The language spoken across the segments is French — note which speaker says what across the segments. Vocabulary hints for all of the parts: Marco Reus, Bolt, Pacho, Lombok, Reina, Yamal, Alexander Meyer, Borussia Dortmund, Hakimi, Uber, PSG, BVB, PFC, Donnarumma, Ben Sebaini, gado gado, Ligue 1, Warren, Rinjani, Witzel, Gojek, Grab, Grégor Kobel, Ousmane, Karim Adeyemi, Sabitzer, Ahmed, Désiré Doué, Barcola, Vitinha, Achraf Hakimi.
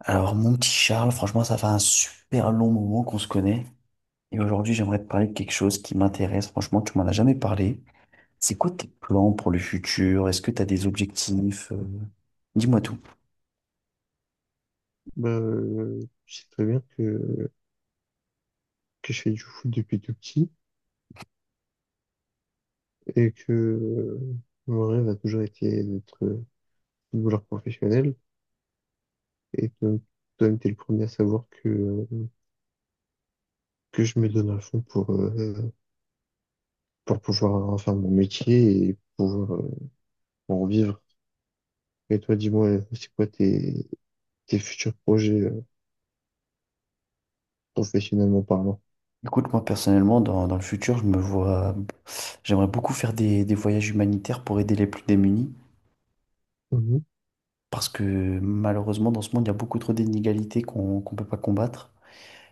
Speaker 1: Alors, mon petit Charles, franchement, ça fait un super long moment qu'on se connaît. Et aujourd'hui, j'aimerais te parler de quelque chose qui m'intéresse. Franchement, tu m'en as jamais parlé. C'est quoi tes plans pour le futur? Est-ce que tu as des objectifs? Dis-moi tout.
Speaker 2: Bah, je sais très bien que je fais du foot depuis tout petit et que mon rêve a toujours été d'être footballeur professionnel. Et donc, toi, t'es le premier à savoir que je me donne à fond pour pouvoir en faire mon métier et pour en vivre. Et toi, dis-moi, c'est quoi tes futurs projets professionnellement parlant?
Speaker 1: Écoute, moi, personnellement, dans le futur, je me vois, j'aimerais beaucoup faire des voyages humanitaires pour aider les plus démunis.
Speaker 2: Mhm.
Speaker 1: Parce que malheureusement, dans ce monde, il y a beaucoup trop d'inégalités qu'on peut pas combattre.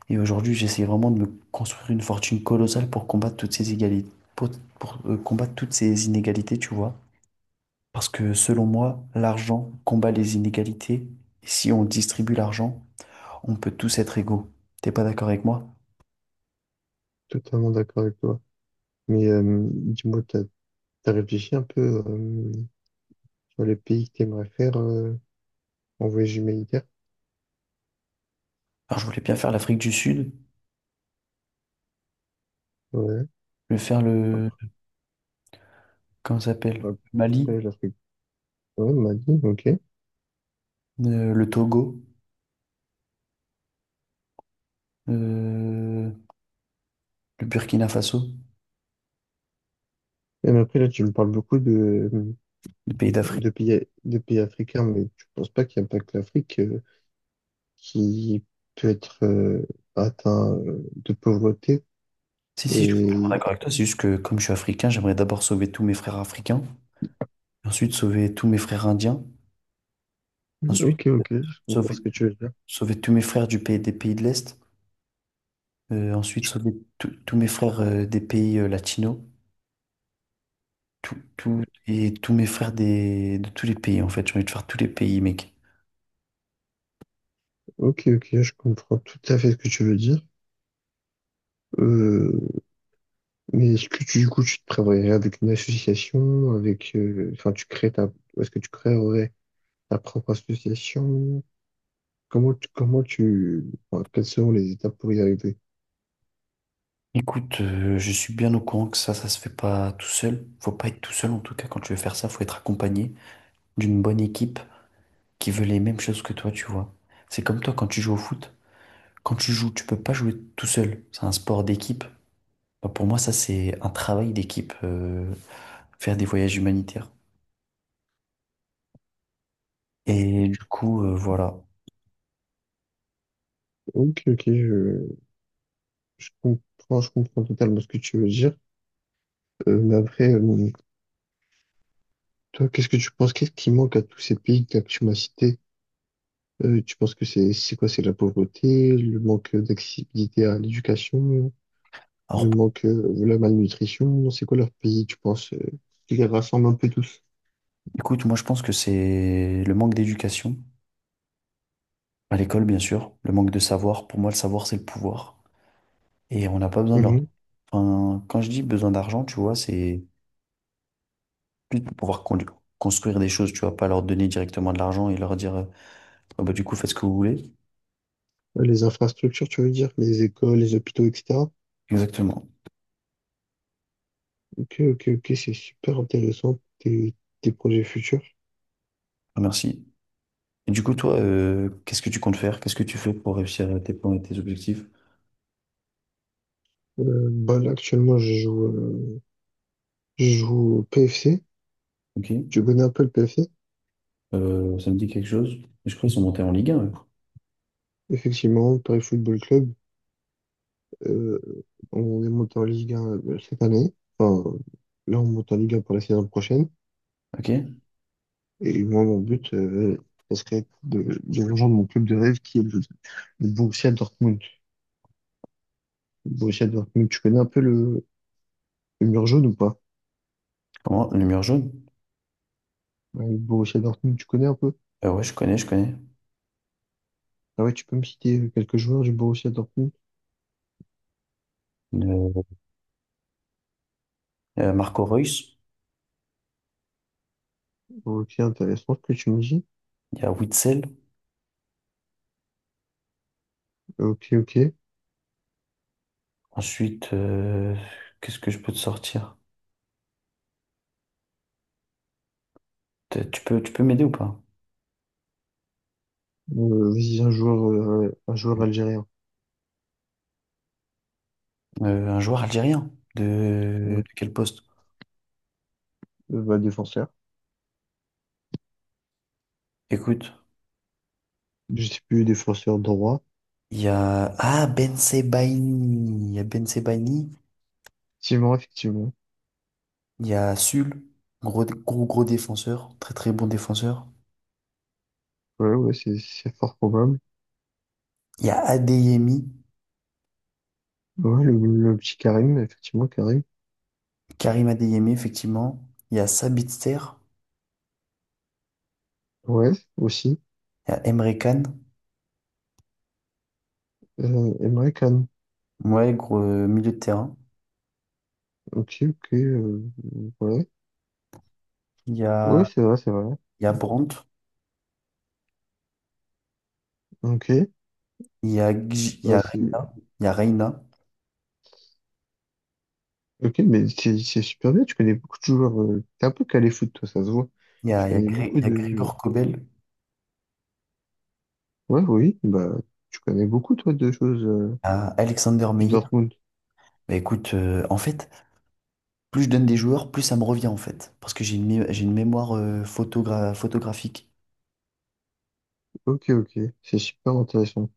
Speaker 1: Et aujourd'hui, j'essaie vraiment de me construire une fortune colossale pour combattre toutes ces égalités, pour, combattre toutes ces inégalités, tu vois. Parce que selon moi, l'argent combat les inégalités. Et si on distribue l'argent, on peut tous être égaux. T'es pas d'accord avec moi?
Speaker 2: Totalement d'accord avec toi. Mais dis-moi, t'as réfléchi un peu sur les pays que t'aimerais faire en voyage humanitaire?
Speaker 1: Alors, je voulais bien faire l'Afrique du Sud,
Speaker 2: Ouais.
Speaker 1: je voulais faire le,
Speaker 2: Après,
Speaker 1: comment ça s'appelle? Le Mali,
Speaker 2: Après l'Afrique. Ouais, Mali, ok.
Speaker 1: le Togo, euh, le Burkina Faso,
Speaker 2: Mais après, là, tu me parles beaucoup
Speaker 1: les pays d'Afrique.
Speaker 2: de pays africains, mais tu penses pas qu'il n'y a pas que l'Afrique qui peut être atteint de pauvreté?
Speaker 1: Si, si, je suis complètement
Speaker 2: Et...
Speaker 1: d'accord avec toi. C'est juste que comme je suis africain, j'aimerais d'abord sauver tous mes frères africains. Ensuite, sauver tous mes frères indiens. Ensuite,
Speaker 2: Ok, ok, je comprends
Speaker 1: sauver,
Speaker 2: ce que tu veux dire.
Speaker 1: sauver tous mes frères du pays, des pays de l'Est. Ensuite, sauver tous mes frères des pays latinos. Et tous mes frères de tous les pays, en fait. J'ai envie de faire tous les pays, mec.
Speaker 2: Ok, ok, je comprends tout à fait ce que tu veux dire. Euh, mais est-ce que tu, du coup, tu te prévoyais avec une association, avec, enfin, est-ce que tu créerais ta propre association? Comment tu, comment tu, enfin, quelles seront les étapes pour y arriver?
Speaker 1: Écoute, je suis bien au courant que ça se fait pas tout seul. Faut pas être tout seul, en tout cas, quand tu veux faire ça, faut être accompagné d'une bonne équipe qui veut les mêmes choses que toi, tu vois. C'est comme toi quand tu joues au foot. Quand tu joues, tu peux pas jouer tout seul. C'est un sport d'équipe. Bah, pour moi, ça, c'est un travail d'équipe, faire des voyages humanitaires. Et du coup, voilà.
Speaker 2: Ok, ok, je, je comprends totalement ce que tu veux dire. Mais après, toi, qu'est-ce que tu penses? Qu'est-ce qui manque à tous ces pays que tu m'as cités? Tu penses que c'est quoi? C'est la pauvreté, le manque d'accessibilité à l'éducation,
Speaker 1: Alors,
Speaker 2: le manque, de la malnutrition? C'est quoi leur pays, tu penses, qui les rassemble un peu tous?
Speaker 1: écoute, moi, je pense que c'est le manque d'éducation, à l'école, bien sûr, le manque de savoir. Pour moi, le savoir, c'est le pouvoir. Et on n'a pas besoin de leur…
Speaker 2: Mhm.
Speaker 1: Enfin, quand je dis besoin d'argent, tu vois, c'est plus pour pouvoir construire des choses, tu vois, pas leur donner directement de l'argent et leur dire, ah bah, du coup, faites ce que vous voulez.
Speaker 2: Les infrastructures, tu veux dire, les écoles, les hôpitaux, etc.
Speaker 1: Exactement.
Speaker 2: Ok, ok, ok, c'est super intéressant, tes projets futurs.
Speaker 1: Ah, merci. Et du coup, toi, qu'est-ce que tu comptes faire? Qu'est-ce que tu fais pour réussir tes plans et tes objectifs?
Speaker 2: Bah là, actuellement, je joue au PFC.
Speaker 1: Ok.
Speaker 2: Tu connais un peu le PFC?
Speaker 1: Ça me dit quelque chose. Je crois qu'ils sont montés en Ligue 1, eux.
Speaker 2: Effectivement, Paris Football Club. euh, on est monté en Ligue 1 cette année. Enfin, là, on monte en Ligue 1 pour la saison prochaine.
Speaker 1: Ok.
Speaker 2: Et moi, mon but, ça serait de rejoindre mon club de rêve qui est le Borussia Dortmund. Le Borussia Dortmund, tu connais un peu le mur jaune ou pas?
Speaker 1: Comment? Lumière jaune?
Speaker 2: Ouais, le Borussia Dortmund, tu connais un peu?
Speaker 1: Ouais, je connais.
Speaker 2: Ah ouais, tu peux me citer quelques joueurs du Borussia Dortmund?
Speaker 1: Euh, Marco Reus.
Speaker 2: Ok, intéressant ce que tu me dis.
Speaker 1: Il y a Witzel.
Speaker 2: Ok, ok.
Speaker 1: Ensuite, qu'est-ce que je peux te sortir? Tu peux m'aider ou pas?
Speaker 2: Vas-y, un joueur algérien.
Speaker 1: Un joueur algérien. De,
Speaker 2: Ouais.
Speaker 1: de quel poste?
Speaker 2: Bah, défenseur.
Speaker 1: Écoute,
Speaker 2: Je sais plus, défenseur droit.
Speaker 1: il y a… Ah, Ben Sebaini. Il y a Ben Sebaini.
Speaker 2: Effectivement, effectivement.
Speaker 1: Il y a Sul. Gros, gros, gros défenseur. Très, très bon défenseur.
Speaker 2: Ouais, ouais, c'est fort probable.
Speaker 1: Il y a Adeyemi.
Speaker 2: Ouais, le petit Karim, effectivement, Karim.
Speaker 1: Karim Adeyemi, effectivement. Il y a Sabitzer.
Speaker 2: Ouais, aussi.
Speaker 1: Il y a Emre Can,
Speaker 2: Emre Can.
Speaker 1: ouais, gros milieu de terrain.
Speaker 2: Ok, ok, ouais.
Speaker 1: Il y
Speaker 2: Ouais,
Speaker 1: a,
Speaker 2: c'est vrai, c'est vrai.
Speaker 1: il y a Brandt,
Speaker 2: Ok.
Speaker 1: il y
Speaker 2: Bah,
Speaker 1: a Reina,
Speaker 2: ok, mais c'est super bien. Tu connais beaucoup de joueurs. T'es un peu calé foot, toi, ça se voit. Tu connais beaucoup
Speaker 1: Il y a
Speaker 2: de,
Speaker 1: Grégor Kobel, il
Speaker 2: ouais, oui, bah, tu connais beaucoup, toi, de choses,
Speaker 1: y a Alexander
Speaker 2: du
Speaker 1: Meyer.
Speaker 2: Dortmund.
Speaker 1: Bah, écoute, en fait, plus je donne des joueurs, plus ça me revient en fait. Parce que j'ai une mémoire photographique.
Speaker 2: Ok, ok, c'est super intéressant.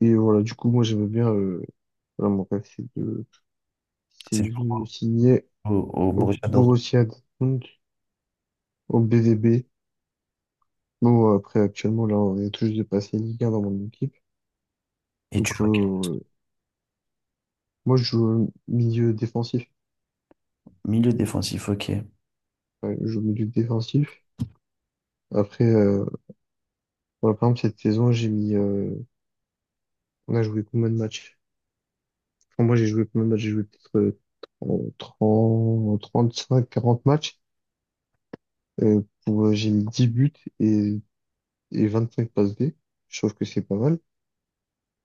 Speaker 2: Et voilà, du coup, moi, j'aimais bien, voilà, mon rêve, c'est de,
Speaker 1: C'est
Speaker 2: signer
Speaker 1: au
Speaker 2: au
Speaker 1: Borussia Dortmund.
Speaker 2: Borussia Dortmund, au BVB. Bon, après, actuellement, là, on est tous de passer Ligue 1 dans mon équipe.
Speaker 1: Et tu
Speaker 2: Donc,
Speaker 1: joues à quel
Speaker 2: moi, je joue milieu défensif.
Speaker 1: milieu défensif, ok.
Speaker 2: Ouais, je joue milieu défensif. Après, voilà, par exemple, cette saison, on a joué combien de matchs? Enfin, moi, j'ai joué combien de matchs? J'ai joué peut-être 30, 35, 40 matchs. Pour, j'ai mis 10 buts et 25 passes D. Je trouve que c'est pas mal.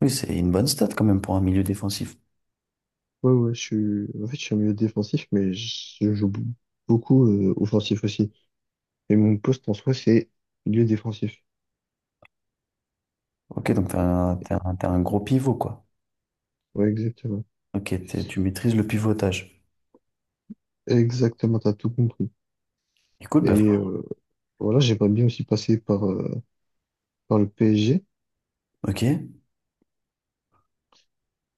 Speaker 1: Oui, c'est une bonne stat quand même pour un milieu défensif.
Speaker 2: Ouais, ouais, en fait, je suis un milieu défensif, mais je joue beaucoup offensif aussi. Et mon poste en soi, c'est milieu défensif.
Speaker 1: Ok, donc t'as un gros pivot, quoi.
Speaker 2: Ouais, exactement.
Speaker 1: Ok, tu maîtrises le pivotage.
Speaker 2: Exactement, t'as tout compris.
Speaker 1: Écoute, bah,
Speaker 2: Et voilà, j'aimerais bien aussi passer par le PSG
Speaker 1: ok.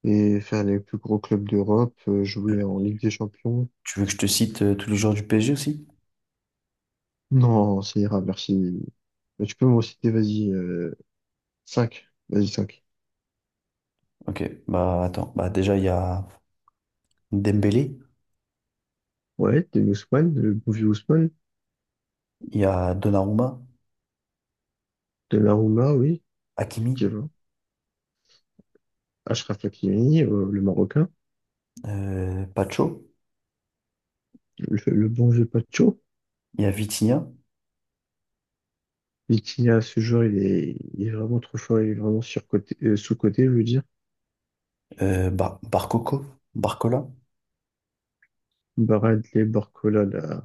Speaker 2: et faire les plus gros clubs d'Europe, jouer en Ligue des Champions.
Speaker 1: Tu veux que je te cite tous les joueurs du PSG aussi?
Speaker 2: Non, ça ira, merci. Mais tu peux m'en citer, vas-y, cinq. Vas-y, cinq.
Speaker 1: Ok. Bah attends. Bah déjà il y a Dembélé,
Speaker 2: Ouais, de Ousmane, le bon vieux Ousmane,
Speaker 1: il y a Donnarumma,
Speaker 2: de Donnarumma, oui,
Speaker 1: Hakimi,
Speaker 2: qui va. Achraf Hakimi, le Marocain,
Speaker 1: Pacho,
Speaker 2: le bon vieux Pacho,
Speaker 1: il y a Vitinha,
Speaker 2: et qui à ce jour il est vraiment trop fort, il est vraiment surcoté, sous-coté, je veux dire.
Speaker 1: euh, Bar- Barcoco, Barcola,
Speaker 2: Barad les Barcola, là,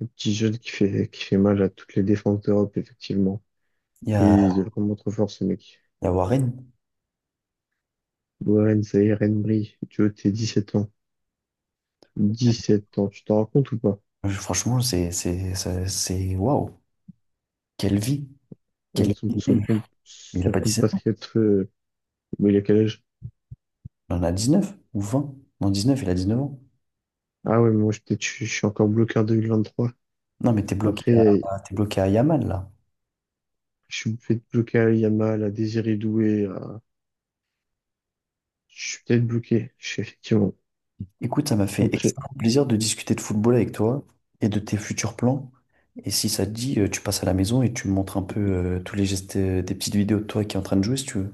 Speaker 2: le petit jeune qui fait mal à toutes les défenses d'Europe, effectivement.
Speaker 1: il y
Speaker 2: Et
Speaker 1: a,
Speaker 2: il est vraiment trop fort, ce mec.
Speaker 1: il y a Warren.
Speaker 2: Warren Zaïre Emery, tu vois, t'es 17 ans. 17 ans, tu t'en rends compte ou pas?
Speaker 1: Franchement waouh. Quelle vie. Quelle
Speaker 2: Avec
Speaker 1: vie. Mais il a
Speaker 2: son
Speaker 1: pas 17 ans.
Speaker 2: compatriote, mais il a quel âge?
Speaker 1: Il en a 19 ou 20. Non, neuf il a 19 ans.
Speaker 2: Ah ouais, mais moi, peut-être, je suis encore bloqué en 2023.
Speaker 1: Non mais t'es bloqué
Speaker 2: Après,
Speaker 1: à t'es bloqué à Yamal là.
Speaker 2: je suis peut-être bloqué à Yamal, à Désiré Doué, à. Je suis peut-être bloqué, je sais effectivement.
Speaker 1: Écoute, ça m'a fait
Speaker 2: Après,
Speaker 1: extrêmement plaisir de discuter de football avec toi et de tes futurs plans. Et si ça te dit, tu passes à la maison et tu me montres un peu tous les gestes, des petites vidéos de toi qui est en train de jouer si tu veux.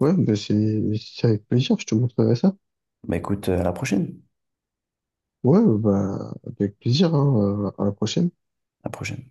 Speaker 2: ouais, bah c'est avec plaisir, je te montrerai ça.
Speaker 1: Bah écoute, à la prochaine.
Speaker 2: Ouais, bah avec plaisir, hein, à la prochaine.
Speaker 1: À la prochaine.